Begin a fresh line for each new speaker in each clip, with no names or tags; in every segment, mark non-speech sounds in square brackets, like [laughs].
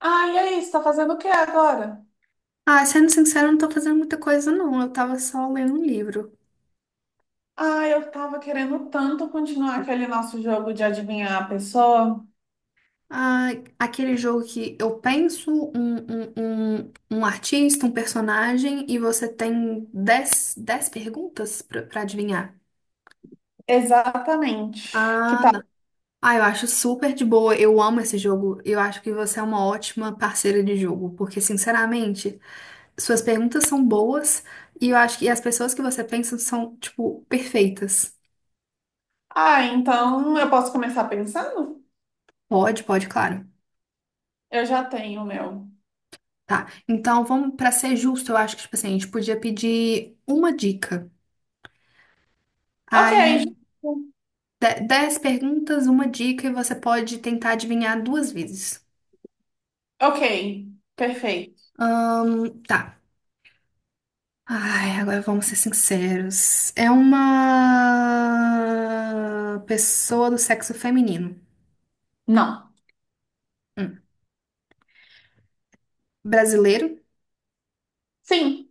Ah, e aí, você tá fazendo o que agora?
Ah, sendo sincero, eu não tô fazendo muita coisa, não. Eu tava só lendo um livro.
Ah, eu tava querendo tanto continuar aquele nosso jogo de adivinhar a pessoa.
Ah, aquele jogo que eu penso um artista, um personagem, e você tem dez perguntas pra adivinhar.
Exatamente. Que
Ah,
tal?
não. Ah, eu acho super de boa. Eu amo esse jogo. Eu acho que você é uma ótima parceira de jogo, porque, sinceramente, suas perguntas são boas e eu acho que as pessoas que você pensa são, tipo, perfeitas.
Ah, então eu posso começar pensando?
Pode, pode, claro.
Eu já tenho o meu.
Tá, então vamos para ser justo, eu acho que tipo assim, a gente podia pedir uma dica.
Ok,
Aí,
justo.
dez perguntas, uma dica, e você pode tentar adivinhar 2 vezes.
Ok, perfeito.
Tá. Ai, agora vamos ser sinceros. É uma pessoa do sexo feminino.
Não.
Hum. Brasileiro,
Sim,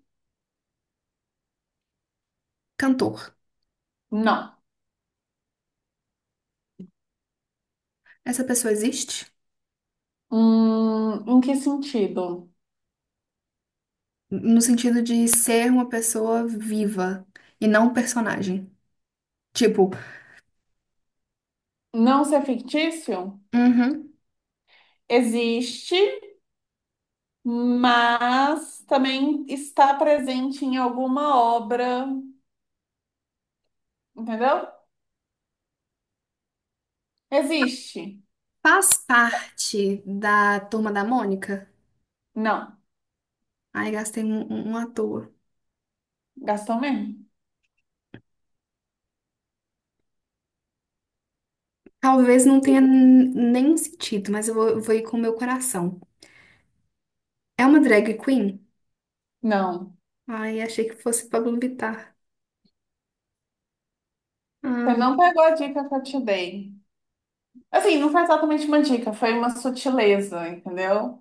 cantor.
não.
Essa pessoa existe?
Em que sentido?
No sentido de ser uma pessoa viva e não um personagem. Tipo,
Não ser fictício?
uhum.
Existe, mas também está presente em alguma obra, entendeu? Existe?
Faz parte da Turma da Mônica?
Não.
Ai, gastei um à toa.
Gastou mesmo?
Talvez não tenha nenhum sentido, mas eu vou, vou ir com o meu coração. É uma drag queen?
Não.
Ai, achei que fosse Pablo Vittar.
Você
Ah,
não pegou a dica que eu te dei. Assim, não foi exatamente uma dica, foi uma sutileza, entendeu?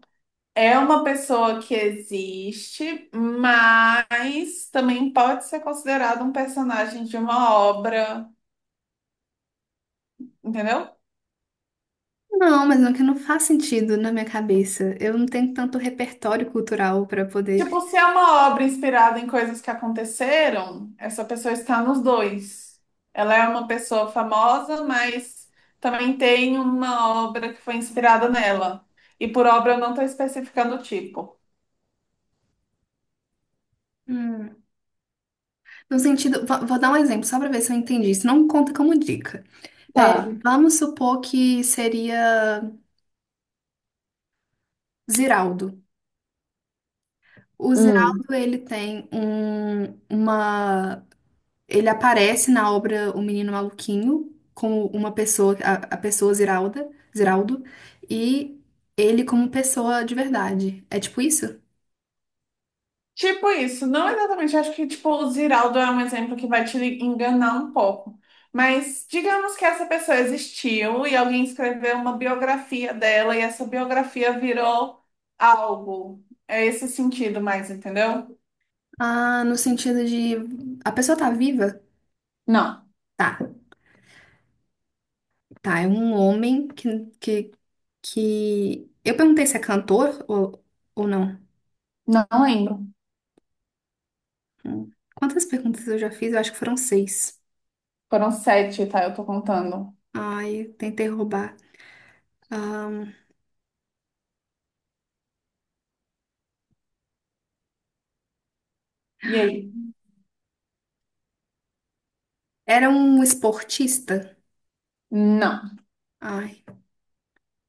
É uma pessoa que existe, mas também pode ser considerado um personagem de uma obra, entendeu?
não, mas não que não faz sentido na minha cabeça. Eu não tenho tanto repertório cultural para poder.
Tipo, se é uma obra inspirada em coisas que aconteceram, essa pessoa está nos dois. Ela é uma pessoa famosa, mas também tem uma obra que foi inspirada nela. E por obra eu não estou especificando o tipo.
Hum. No sentido, vou, vou dar um exemplo só para ver se eu entendi. Isso não conta como dica.
Tá.
Vamos supor que seria Ziraldo. O Ziraldo, ele tem um, uma. Ele aparece na obra O Menino Maluquinho como uma pessoa, a pessoa Ziralda, Ziraldo, e ele como pessoa de verdade. É tipo isso?
Tipo isso, não exatamente. Acho que tipo o Ziraldo é um exemplo que vai te enganar um pouco. Mas digamos que essa pessoa existiu e alguém escreveu uma biografia dela e essa biografia virou algo. É esse sentido mais, entendeu?
Ah, no sentido de a pessoa tá viva?
Não,
Tá, tá. É um homem que... Eu perguntei se é cantor ou não.
não lembro.
Hum. Quantas perguntas eu já fiz? Eu acho que foram seis.
Foram sete, tá? Eu tô contando.
Ai, tentei roubar.
E aí?
Era um esportista?
Não,
Ai,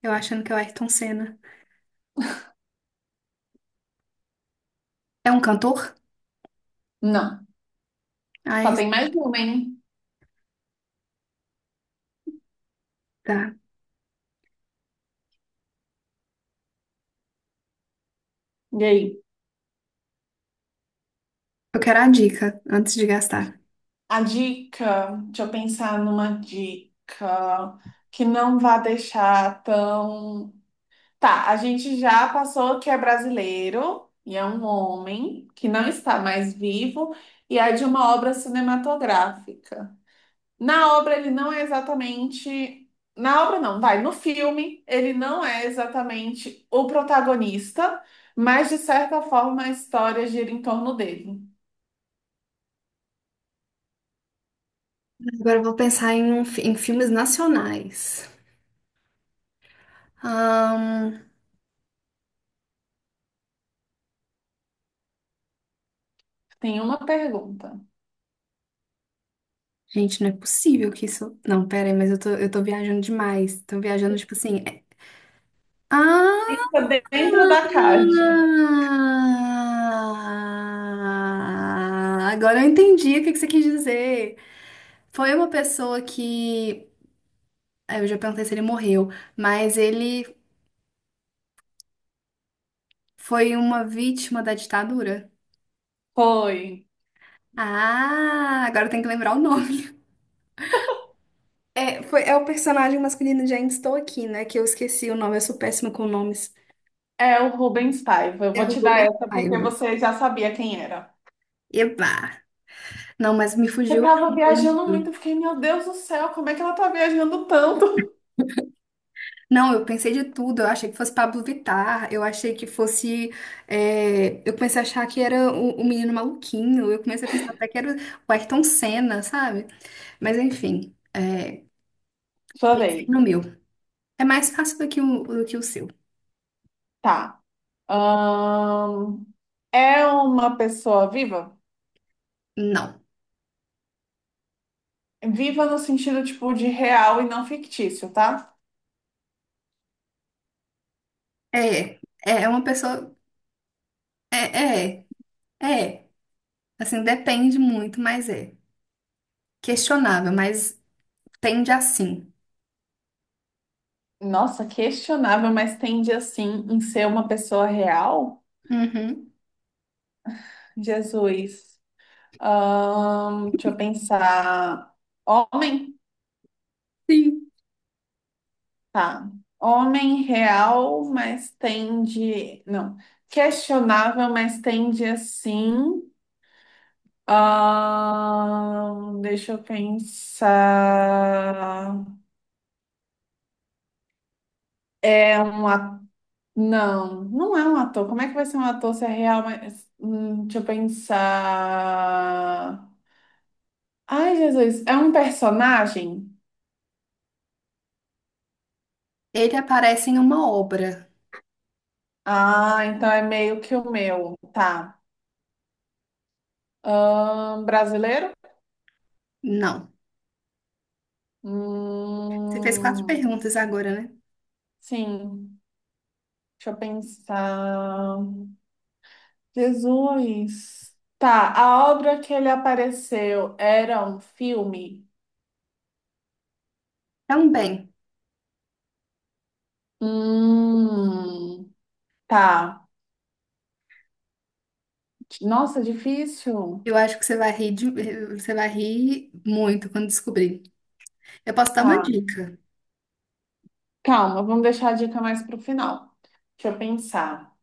eu achando que é o Ayrton Senna. É um cantor?
não. Só
Ai,
tem mais uma, hein?
tá.
E aí?
Eu quero a dica antes de gastar.
A dica, deixa eu pensar numa dica que não vá deixar tão... Tá, a gente já passou que é brasileiro e é um homem que não está mais vivo e é de uma obra cinematográfica. Na obra ele não é exatamente, na obra não, vai, no filme ele não é exatamente o protagonista, mas de certa forma a história gira em torno dele.
Agora eu vou pensar em, em filmes nacionais. Ahn,
Tem uma pergunta.
gente, não é possível que isso. Não, pera aí, mas eu tô viajando demais. Tô viajando, tipo assim. Ah!
Fica dentro da caixa.
Agora eu entendi o que que você quis dizer. Foi uma pessoa que. Eu já perguntei se ele morreu, mas ele foi uma vítima da ditadura?
Foi.
Ah, agora tem que lembrar o nome. É, foi, é o personagem masculino de Ainda Estou Aqui, né? Que eu esqueci o nome, eu sou péssima com nomes.
É o Rubens Paiva. Eu
É
vou
o
te dar
Rubem
essa porque
Paiva.
você já sabia quem era.
Eba! Não, mas me
Eu
fugiu
tava viajando
muito.
muito, eu fiquei, meu Deus do céu, como é que ela tá viajando tanto?
Não, eu pensei de tudo. Eu achei que fosse Pablo Vittar. Eu achei que fosse. Eu comecei a achar que era o menino maluquinho. Eu comecei a pensar até que era o Ayrton Senna, sabe? Mas enfim, é,
[laughs] Sua
pensei
vez.
no meu. É mais fácil do que o seu.
Tá. Ahn, É uma pessoa viva?
Não.
Viva no sentido, tipo, de real e não fictício, tá?
É, é uma pessoa. É, é, é. Assim, depende muito, mas é. Questionável, mas tende a sim.
Nossa, questionável, mas tende, assim, em ser uma pessoa real?
Uhum.
Jesus. Deixa eu pensar. Homem?
Sim.
Tá. Homem real, mas tende... Não. Questionável, mas tende, assim... Deixa eu pensar. É um ator. Não, não é um ator. Como é que vai ser um ator se é real? Mas... deixa eu pensar. Ai, Jesus. É um personagem?
Ele aparece em uma obra.
Ah, então é meio que o meu. Tá. Brasileiro?
Não. Você fez 4
Hum,
perguntas agora, né?
sim. Deixa eu pensar. Jesus. Tá, a obra que ele apareceu era um filme?
Também.
Hum, tá. Nossa, difícil.
Eu acho que você vai rir de- Você vai rir muito quando descobrir. Eu posso dar uma
Tá.
dica.
Calma, vamos deixar a dica mais pro final. Deixa eu pensar.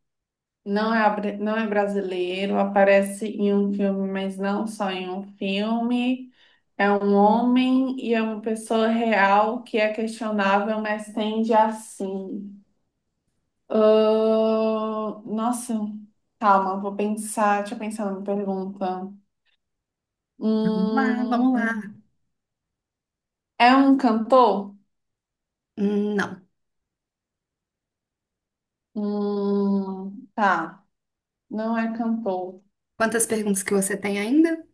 Não é, não é brasileiro, aparece em um filme, mas não só em um filme. É um homem e é uma pessoa real que é questionável, mas tende a sim. Nossa, calma, vou pensar. Deixa eu pensar numa pergunta.
Vamos lá, vamos
Hum,
lá.
é um cantor?
Não.
Tá, não é cantor.
Quantas perguntas que você tem ainda?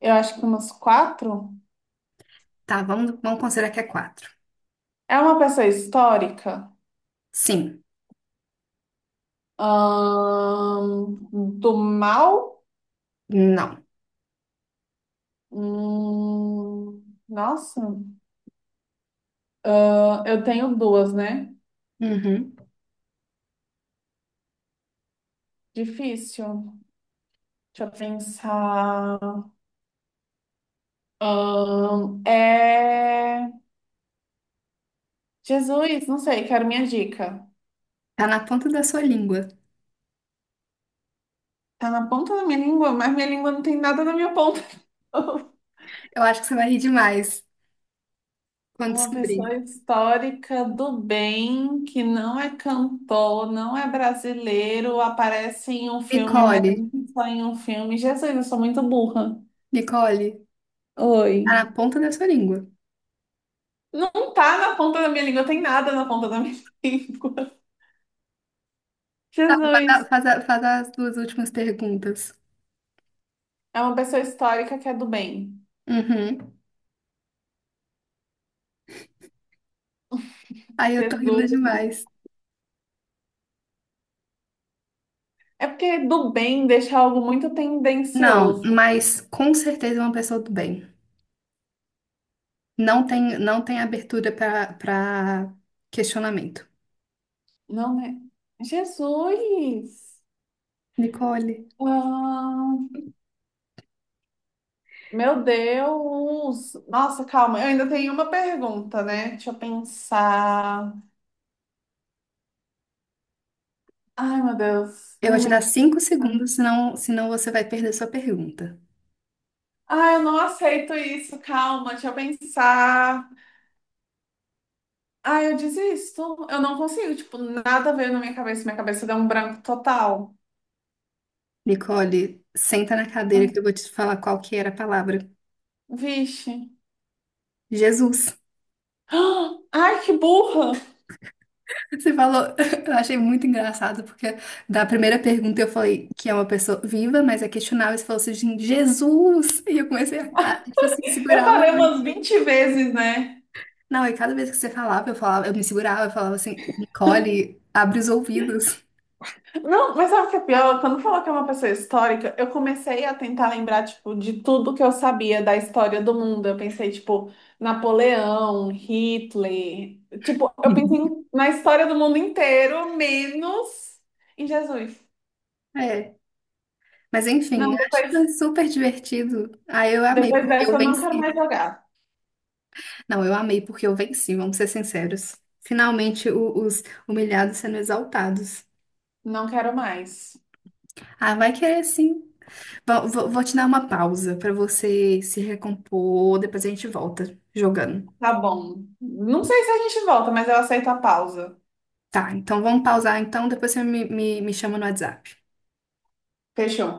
Eu acho que umas quatro.
Tá, vamos considerar que é 4.
É uma pessoa histórica?
Sim.
Ahn, do mal?
Não.
Hum, nossa, eu tenho duas, né?
Uhum.
Difícil. Deixa eu pensar. É. Jesus, não sei, quero minha dica.
Tá na ponta da sua língua.
Tá na ponta da minha língua, mas minha língua não tem nada na minha ponta. [laughs]
Eu acho que você vai rir demais quando
Uma pessoa
descobrir.
histórica do bem que não é cantor, não é brasileiro, aparece em um filme, mas
Nicole,
só em um filme. Jesus, eu sou muito burra.
Nicole,
Oi.
tá na ponta da sua língua.
Não tá na ponta da minha língua, tem nada na ponta da minha [laughs] língua.
Tá,
Jesus.
faz as duas últimas perguntas.
É uma pessoa histórica que é do bem.
Uhum. Aí eu tô rindo
Jesus.
demais.
É porque do bem deixa algo muito
Não,
tendencioso.
mas com certeza é uma pessoa do bem. Não tem, não tem abertura pra questionamento.
Não, né? Jesus!
Nicole,
Ah, meu Deus! Nossa, calma, eu ainda tenho uma pergunta, né? Deixa eu pensar. Ai, meu Deus,
eu
minha
vou te dar
mente.
5 segundos, senão, senão você vai perder sua pergunta.
Ai, eu não aceito isso, calma, deixa eu pensar. Ai, eu desisto. Eu não consigo, tipo, nada veio na minha cabeça deu um branco total.
Nicole, senta na
Ai,
cadeira que eu vou te falar qual que era a palavra.
vixe.
Jesus.
[gasps] Ah, ai, que burra!
Você falou, [laughs] eu achei muito engraçado, porque da primeira pergunta eu falei que é uma pessoa viva, mas é questionável. Você falou assim, Jesus! [laughs] E eu comecei a tipo assim,
Eu
segurar o
falei umas
riso.
20 vezes, né?
Não, e cada vez que você falava, eu me segurava, eu falava assim, Nicole, abre os ouvidos.
Não, mas sabe o que é pior? Quando falou que é uma pessoa histórica, eu comecei a tentar lembrar, tipo, de tudo que eu sabia da história do mundo. Eu pensei, tipo, Napoleão, Hitler. Tipo,
[laughs]
na história do mundo inteiro, menos em Jesus.
É. Mas enfim,
Não,
acho que foi
depois,
super divertido. Ah, eu amei
depois
porque eu
dessa eu não quero
venci.
mais jogar.
Não, eu amei porque eu venci, vamos ser sinceros. Finalmente, os humilhados sendo exaltados.
Não quero mais.
Ah, vai querer sim. Vou te dar uma pausa pra você se recompor, depois a gente volta jogando.
Tá bom. Não sei se a gente volta, mas eu aceito a pausa.
Tá, então vamos pausar então, depois você me chama no WhatsApp.
Fechou.